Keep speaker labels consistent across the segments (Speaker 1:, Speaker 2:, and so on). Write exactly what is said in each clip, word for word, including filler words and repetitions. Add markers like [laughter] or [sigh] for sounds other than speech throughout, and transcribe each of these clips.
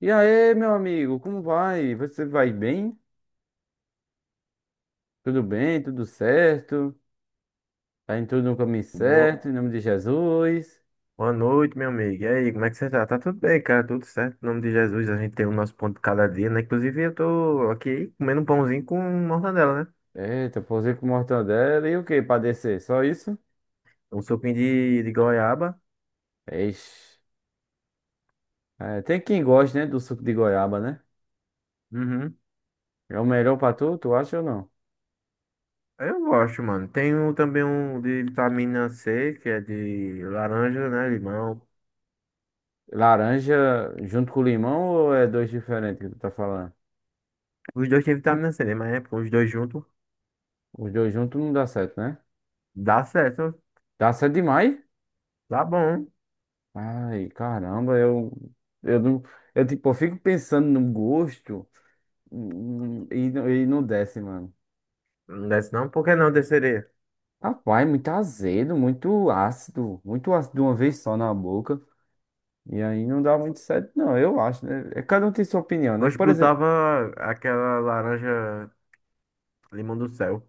Speaker 1: E aí, meu amigo, como vai? Você vai bem? Tudo bem? Tudo certo? Tá em tudo no caminho
Speaker 2: Boa,
Speaker 1: certo, em nome de Jesus.
Speaker 2: boa noite, meu amigo. E aí, como é que você tá? Tá tudo bem, cara? Tudo certo? Em nome de Jesus, a gente tem o nosso pão de cada dia, né? Inclusive, eu tô aqui comendo um pãozinho com mortadela, né?
Speaker 1: Eita, pousei com mortadela e o que pra descer? Só isso?
Speaker 2: Um suquinho de, de goiaba.
Speaker 1: Ixi. É, tem quem goste, né, do suco de goiaba, né?
Speaker 2: Uhum.
Speaker 1: É o melhor pra tu, tu acha ou não?
Speaker 2: Eu gosto, mano. Tenho também um de vitamina C, que é de laranja, né? Limão.
Speaker 1: Laranja junto com limão ou é dois diferentes que tu tá falando?
Speaker 2: Os dois têm vitamina C, né? Mas é, os dois juntos
Speaker 1: Os dois juntos não dá certo, né?
Speaker 2: dá certo.
Speaker 1: Dá certo demais?
Speaker 2: Tá bom.
Speaker 1: Ai, caramba, eu, eu não, eu tipo, eu fico pensando no gosto. Hum, E, no- e não desce, mano.
Speaker 2: Não desce não? Por que não desceria?
Speaker 1: Rapaz, muito azedo, muito ácido, muito ácido de uma vez só na boca. E aí não dá muito certo, não, eu acho, né? É, Cada um tem sua opinião, né?
Speaker 2: Hoje
Speaker 1: Por exemplo,
Speaker 2: botava aquela laranja limão do céu.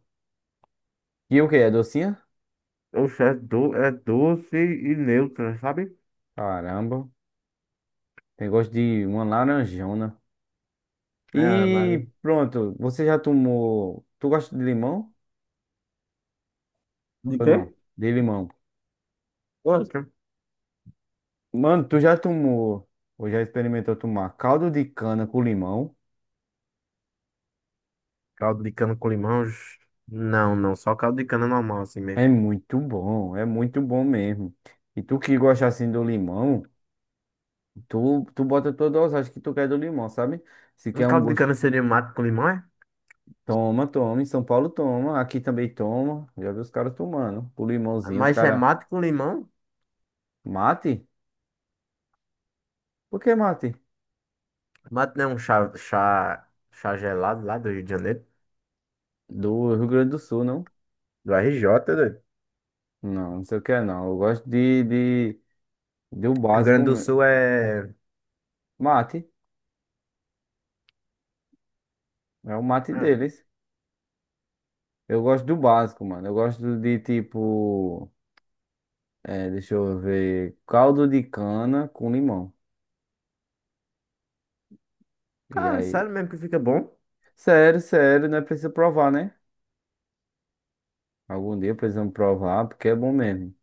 Speaker 1: e o que é docinha?
Speaker 2: Oxe, é, do, é doce e neutra, sabe?
Speaker 1: Caramba, tem gosto de uma laranjona.
Speaker 2: É mas...
Speaker 1: E pronto, você já tomou. Tu gosta de limão?
Speaker 2: De
Speaker 1: Ou
Speaker 2: quê?
Speaker 1: não? De limão.
Speaker 2: Gosto.
Speaker 1: Mano, tu já tomou, ou já experimentou tomar caldo de cana com limão?
Speaker 2: Caldo de cana com limão. Oxe. Não, não, só caldo de cana normal, assim mesmo.
Speaker 1: É muito bom, é muito bom mesmo. E tu que gosta assim do limão, tu, tu bota toda a dosagem que tu quer do limão, sabe? Se
Speaker 2: Um
Speaker 1: quer um
Speaker 2: caldo de
Speaker 1: gosto,
Speaker 2: cana seria mate com limão, é?
Speaker 1: toma, toma. Em São Paulo toma, aqui também toma. Já vi os caras tomando. O limãozinho, os
Speaker 2: Mas é
Speaker 1: caras.
Speaker 2: mate com limão?
Speaker 1: Mate? Por que mate?
Speaker 2: Mate não é um chá, chá, chá gelado lá do Rio de Janeiro.
Speaker 1: Do Rio Grande do Sul, não?
Speaker 2: Do erre jota, doido.
Speaker 1: Não, não sei o que é não. Eu gosto de, de, do
Speaker 2: Rio
Speaker 1: básico.
Speaker 2: Grande do
Speaker 1: me-
Speaker 2: Sul é.
Speaker 1: Mate, é o mate
Speaker 2: É.
Speaker 1: deles. Eu gosto do básico, mano. Eu gosto de tipo. É, deixa eu ver. Caldo de cana com limão. E
Speaker 2: Cara,
Speaker 1: aí?
Speaker 2: sério mesmo que fica bom.
Speaker 1: Sério, sério, não é preciso provar, né? Algum dia precisamos provar, porque é bom mesmo.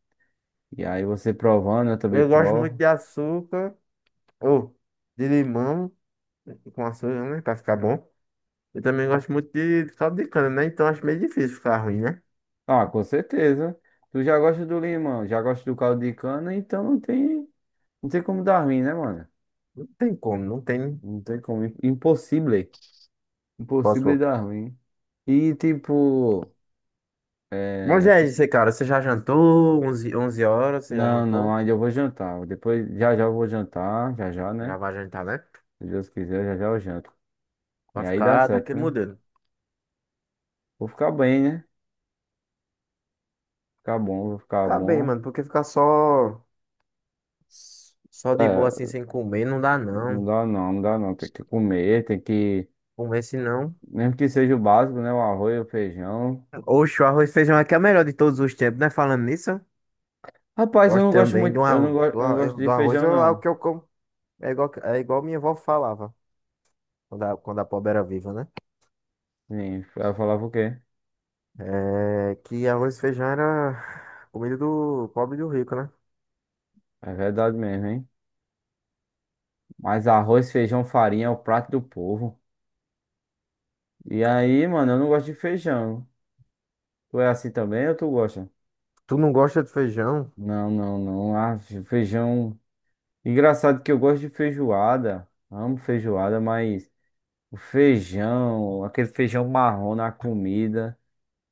Speaker 1: E aí você provando, eu também
Speaker 2: Eu gosto muito
Speaker 1: provo.
Speaker 2: de açúcar. Ou de limão. Com açúcar, né? Pra ficar bom. Eu também gosto muito de caldo de cana, né? Então acho meio difícil ficar ruim, né?
Speaker 1: Ah, com certeza. Tu já gosta do limão, já gosta do caldo de cana, então não tem, não tem como dar ruim, né, mano?
Speaker 2: Não tem como, não tem.
Speaker 1: Não tem como. Impossível. Impossível
Speaker 2: Posso.
Speaker 1: dar ruim. E tipo,
Speaker 2: Mas
Speaker 1: é...
Speaker 2: é
Speaker 1: fu-
Speaker 2: isso aí, cara. Você já jantou? onze onze horas, você já
Speaker 1: não, não,
Speaker 2: jantou?
Speaker 1: ainda eu vou jantar. Depois, já já eu vou jantar, já já,
Speaker 2: Já
Speaker 1: né?
Speaker 2: vai jantar, né?
Speaker 1: Se Deus quiser, já já eu janto. E
Speaker 2: Vai
Speaker 1: aí dá
Speaker 2: ficar
Speaker 1: certo,
Speaker 2: daquele
Speaker 1: né?
Speaker 2: modelo.
Speaker 1: Vou ficar bem, né? Ficar bom, vou ficar
Speaker 2: Ficar bem,
Speaker 1: bom.
Speaker 2: mano, porque ficar só, só de boa
Speaker 1: É,
Speaker 2: assim, sem comer, não dá
Speaker 1: não
Speaker 2: não.
Speaker 1: dá não, não dá não. Tem que comer, tem que.
Speaker 2: Comer se não.
Speaker 1: Mesmo que seja o básico, né? O arroz, o feijão.
Speaker 2: Oxe, o arroz e feijão aqui é o melhor de todos os tempos, né? Falando nisso,
Speaker 1: Rapaz, eu
Speaker 2: gosto
Speaker 1: não gosto
Speaker 2: também
Speaker 1: muito.
Speaker 2: do
Speaker 1: Eu não
Speaker 2: arroz.
Speaker 1: gosto,
Speaker 2: Do,
Speaker 1: eu não gosto
Speaker 2: ar-
Speaker 1: de
Speaker 2: do arroz
Speaker 1: feijão,
Speaker 2: eu- é o
Speaker 1: não.
Speaker 2: que eu como. É igual, é igual minha avó falava, quando a, quando a pobre era viva, né?
Speaker 1: Sim, ela falava o quê?
Speaker 2: É que arroz e feijão era comida do pobre e do rico, né?
Speaker 1: É verdade mesmo, hein? Mas arroz, feijão, farinha é o prato do povo. E aí, mano, eu não gosto de feijão. Tu é assim também ou tu gosta?
Speaker 2: Tu não gosta de feijão?
Speaker 1: Não, não, não. Ah, feijão. Engraçado que eu gosto de feijoada, amo feijoada, mas o feijão, aquele feijão marrom na comida,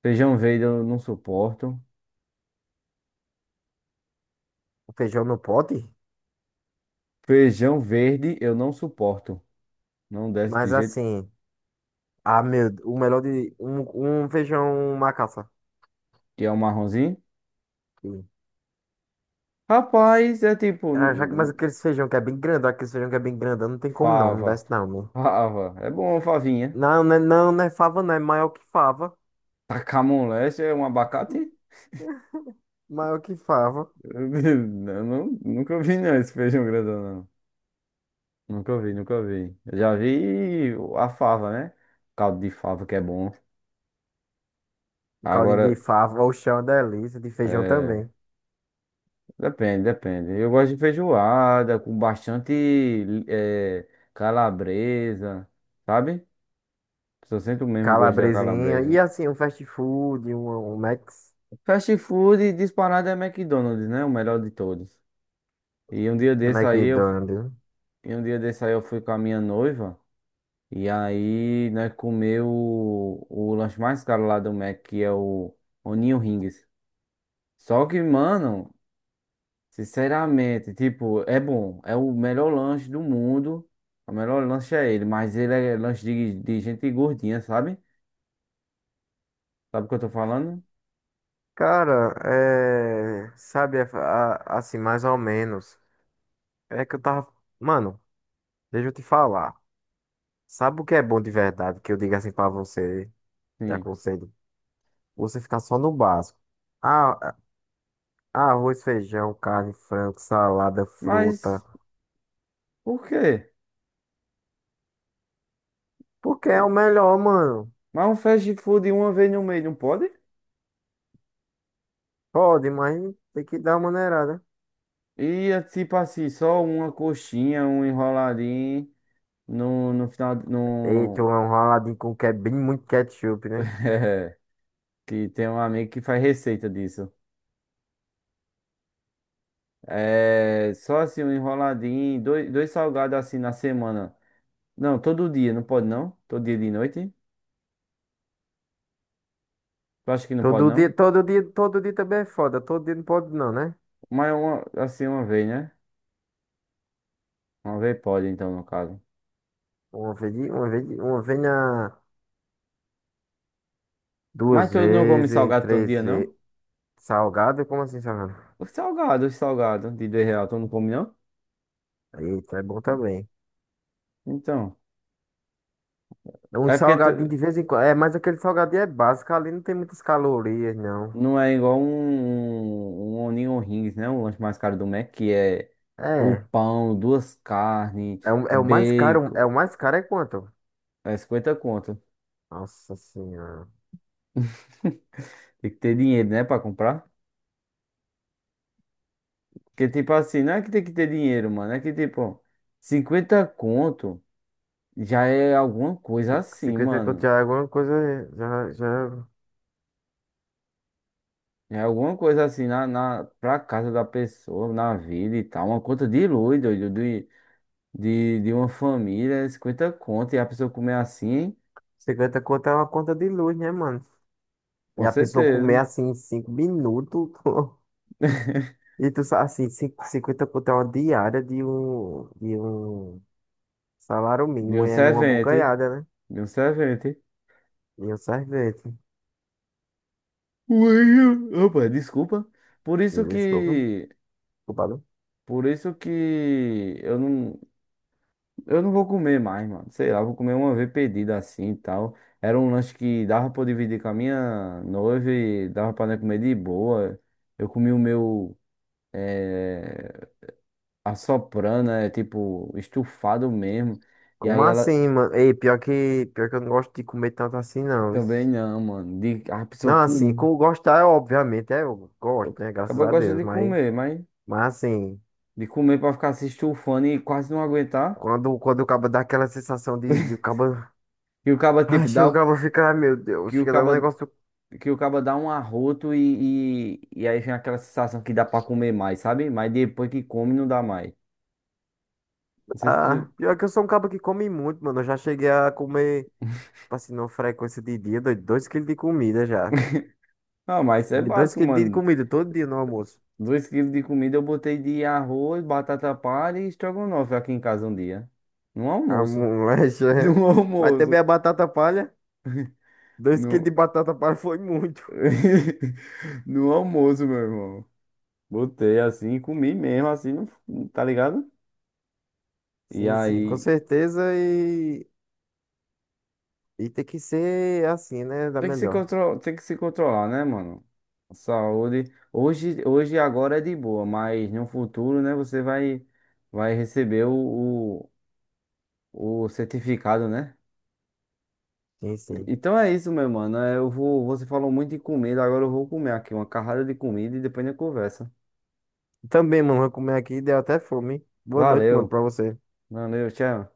Speaker 1: feijão verde eu não suporto,
Speaker 2: O feijão no pote?
Speaker 1: feijão verde eu não suporto, não desce de
Speaker 2: Mas
Speaker 1: jeito
Speaker 2: assim, ah, meu, o melhor de um, um feijão macaça.
Speaker 1: que é um marronzinho.
Speaker 2: Que-
Speaker 1: Rapaz, é tipo
Speaker 2: Ah, já que mais
Speaker 1: n-
Speaker 2: aquele feijão que é bem grandão, aquele feijão que é bem grandão, não tem como não, não
Speaker 1: fava,
Speaker 2: desce não, né?
Speaker 1: fava, é bom favinha.
Speaker 2: Não, não é, não, não é fava, não, é maior que fava.
Speaker 1: Tacar moleste é um abacate? [laughs]
Speaker 2: Maior que fava.
Speaker 1: Eu não, nunca vi não esse feijão grandão. Nunca vi, nunca vi. Eu já vi a fava, né? Caldo de fava que é bom.
Speaker 2: O caldinho de
Speaker 1: Agora,
Speaker 2: fava, o chão é uma delícia, de feijão
Speaker 1: é,
Speaker 2: também.
Speaker 1: depende, depende. Eu gosto de feijoada com bastante é, calabresa, sabe? Só sinto o mesmo gosto da
Speaker 2: Calabresinha, e
Speaker 1: calabresa.
Speaker 2: assim, um fast food, um, um Max,
Speaker 1: Fast food disparado é McDonald's, né? O melhor de todos. E um dia desse aí eu, fu-
Speaker 2: McDonald's.
Speaker 1: e um dia desse aí eu fui com a minha noiva e aí nós comeu o, o lanche mais caro lá do Mac, que é o Onion Rings. Só que, mano, sinceramente, tipo, é bom. É o melhor lanche do mundo. O melhor lanche é ele, mas ele é lanche de, de gente gordinha, sabe? Sabe o que eu tô falando?
Speaker 2: Cara, é. Sabe, a- a- assim, mais ou menos. É que eu tava. Mano, deixa eu te falar. Sabe o que é bom de verdade? Que eu digo assim pra você, te
Speaker 1: Sim.
Speaker 2: aconselho. Você ficar só no básico. Ah, ah, arroz, feijão, carne, frango, salada, fruta.
Speaker 1: Mas por quê?
Speaker 2: Porque é o
Speaker 1: Eu-
Speaker 2: melhor, mano.
Speaker 1: Mas um fast food uma vez no mês não pode?
Speaker 2: Pode, mas tem que dar uma maneirada.
Speaker 1: E é tipo assim, só uma coxinha, um enroladinho no, no final.
Speaker 2: Eita, um
Speaker 1: No.
Speaker 2: raladinho com que é bem muito ketchup,
Speaker 1: [laughs]
Speaker 2: né?
Speaker 1: É, que tem um amigo que faz receita disso. É só assim, um enroladinho, dois, dois salgados assim na semana. Não, todo dia, não pode não? Todo dia de noite? Tu acha que não pode
Speaker 2: Todo
Speaker 1: não?
Speaker 2: dia, todo dia, todo dia também é foda. Todo dia não pode, não, né?
Speaker 1: Mas é uma, assim, uma vez, né? Uma vez pode, então, no caso.
Speaker 2: Uma vez, de- uma vez, de- uma vez na.
Speaker 1: Mas
Speaker 2: Duas
Speaker 1: tu não come
Speaker 2: vezes,
Speaker 1: salgado todo
Speaker 2: três
Speaker 1: dia, não?
Speaker 2: vezes. Salgado? Como assim salgado?
Speaker 1: Os salgados, os salgados de dois real, tu não come não?
Speaker 2: Eita, é bom também.
Speaker 1: Então,
Speaker 2: Um
Speaker 1: é porque tu
Speaker 2: salgadinho de vez em quando. É, mas aquele salgadinho é básico, ali não tem muitas calorias, não.
Speaker 1: não é igual um, um um Onion Rings, né? O lanche mais caro do Mac, que é o
Speaker 2: É.
Speaker 1: pão, duas carnes,
Speaker 2: É, o- é o mais caro.
Speaker 1: bacon,
Speaker 2: É o mais caro é quanto?
Speaker 1: é cinquenta conto.
Speaker 2: Nossa senhora.
Speaker 1: Tem que ter dinheiro, né, pra comprar? Porque, tipo assim, não é que tem que ter dinheiro, mano, é que, tipo, cinquenta conto... Já é alguma coisa
Speaker 2: Ci-
Speaker 1: assim,
Speaker 2: cinquenta conto
Speaker 1: mano.
Speaker 2: já é alguma coisa. Já, já...
Speaker 1: Já É alguma coisa assim na, na, pra casa da pessoa, na vida e tal. Uma conta de luz, doido, de, de, de uma família, cinquenta conto, e a pessoa comer assim,
Speaker 2: Cinquenta conto é uma conta de luz, né, mano? E
Speaker 1: com
Speaker 2: a pessoa comer
Speaker 1: certeza.
Speaker 2: assim em cinco minutos. [laughs] E tu sabe assim, cin- cinquenta conto é uma diária de um, de um salário
Speaker 1: De
Speaker 2: mínimo,
Speaker 1: um
Speaker 2: e é numa
Speaker 1: servente,
Speaker 2: bucanhada.
Speaker 1: de um servente.
Speaker 2: E o sorvete.
Speaker 1: Ui, Opa, desculpa. Por isso
Speaker 2: Desculpa,
Speaker 1: que,
Speaker 2: culpado.
Speaker 1: por isso que eu não, Eu não vou comer mais, mano. Sei lá, vou comer uma vez pedida assim e tal. Era um lanche que dava pra eu dividir com a minha noiva e dava pra nós comer de boa. Eu comi o meu eh, assoprando, é tipo estufado mesmo. E aí
Speaker 2: Como
Speaker 1: ela
Speaker 2: assim, mano? Ei, pior que, pior que eu não gosto de comer tanto assim, não. Isso-
Speaker 1: também não, mano. De, a pessoa
Speaker 2: Não, assim,
Speaker 1: come.
Speaker 2: com gostar, é obviamente, é, eu gosto,
Speaker 1: Eu-
Speaker 2: né? Graças
Speaker 1: Acaba
Speaker 2: a
Speaker 1: gosta
Speaker 2: Deus.
Speaker 1: de
Speaker 2: Mas,
Speaker 1: comer, mas
Speaker 2: mas assim,
Speaker 1: de comer pra ficar se estufando e quase não aguentar.
Speaker 2: quando, quando o cabo dá aquela sensação de, de o
Speaker 1: [laughs]
Speaker 2: cabo.
Speaker 1: Que o caba tipo
Speaker 2: Ai, chega
Speaker 1: dá,
Speaker 2: o
Speaker 1: o-
Speaker 2: cabo fica, ai, meu Deus,
Speaker 1: que o
Speaker 2: fica dando um
Speaker 1: caba
Speaker 2: negócio.
Speaker 1: Que o cabo dá um arroto e, e, e aí vem aquela sensação que dá pra comer mais, sabe? Mas depois que come não dá mais. Não sei se
Speaker 2: Ah,
Speaker 1: tu...
Speaker 2: pior que eu sou um cabo que come muito, mano. Eu já cheguei a comer, tipo assim, numa frequência de dia, dois dois quilos de comida já.
Speaker 1: Ah, mas isso é
Speaker 2: Dois
Speaker 1: básico,
Speaker 2: quilos de
Speaker 1: mano.
Speaker 2: comida todo dia no almoço.
Speaker 1: Dois quilos de comida eu botei de arroz, batata palha e estrogonofe aqui em casa um dia. No
Speaker 2: [laughs] A
Speaker 1: almoço.
Speaker 2: molecha,
Speaker 1: [laughs]
Speaker 2: é.
Speaker 1: No
Speaker 2: Mas também
Speaker 1: almoço.
Speaker 2: a batata palha. Dois quilos de
Speaker 1: No.
Speaker 2: batata palha foi muito.
Speaker 1: [laughs] No almoço, meu irmão. Botei assim, comi mesmo, assim, não- tá ligado? E
Speaker 2: Sim, sim, com
Speaker 1: aí.
Speaker 2: certeza. E, e tem que ser assim, né? Da
Speaker 1: Tem que se
Speaker 2: melhor.
Speaker 1: controlar, tem que se controlar, né, mano? A Saúde. Hoje, hoje e agora é de boa, mas no futuro, né, você vai, vai receber o, o, o certificado, né?
Speaker 2: Sim, sim.
Speaker 1: Então é isso, meu mano. É, Eu vou, você falou muito de comida, agora eu vou comer aqui uma carrada de comida e depois a gente conversa.
Speaker 2: Também, mano, vou comer aqui, deu até fome. Hein? Boa noite,
Speaker 1: Valeu.
Speaker 2: mano, pra você.
Speaker 1: Valeu, tchau.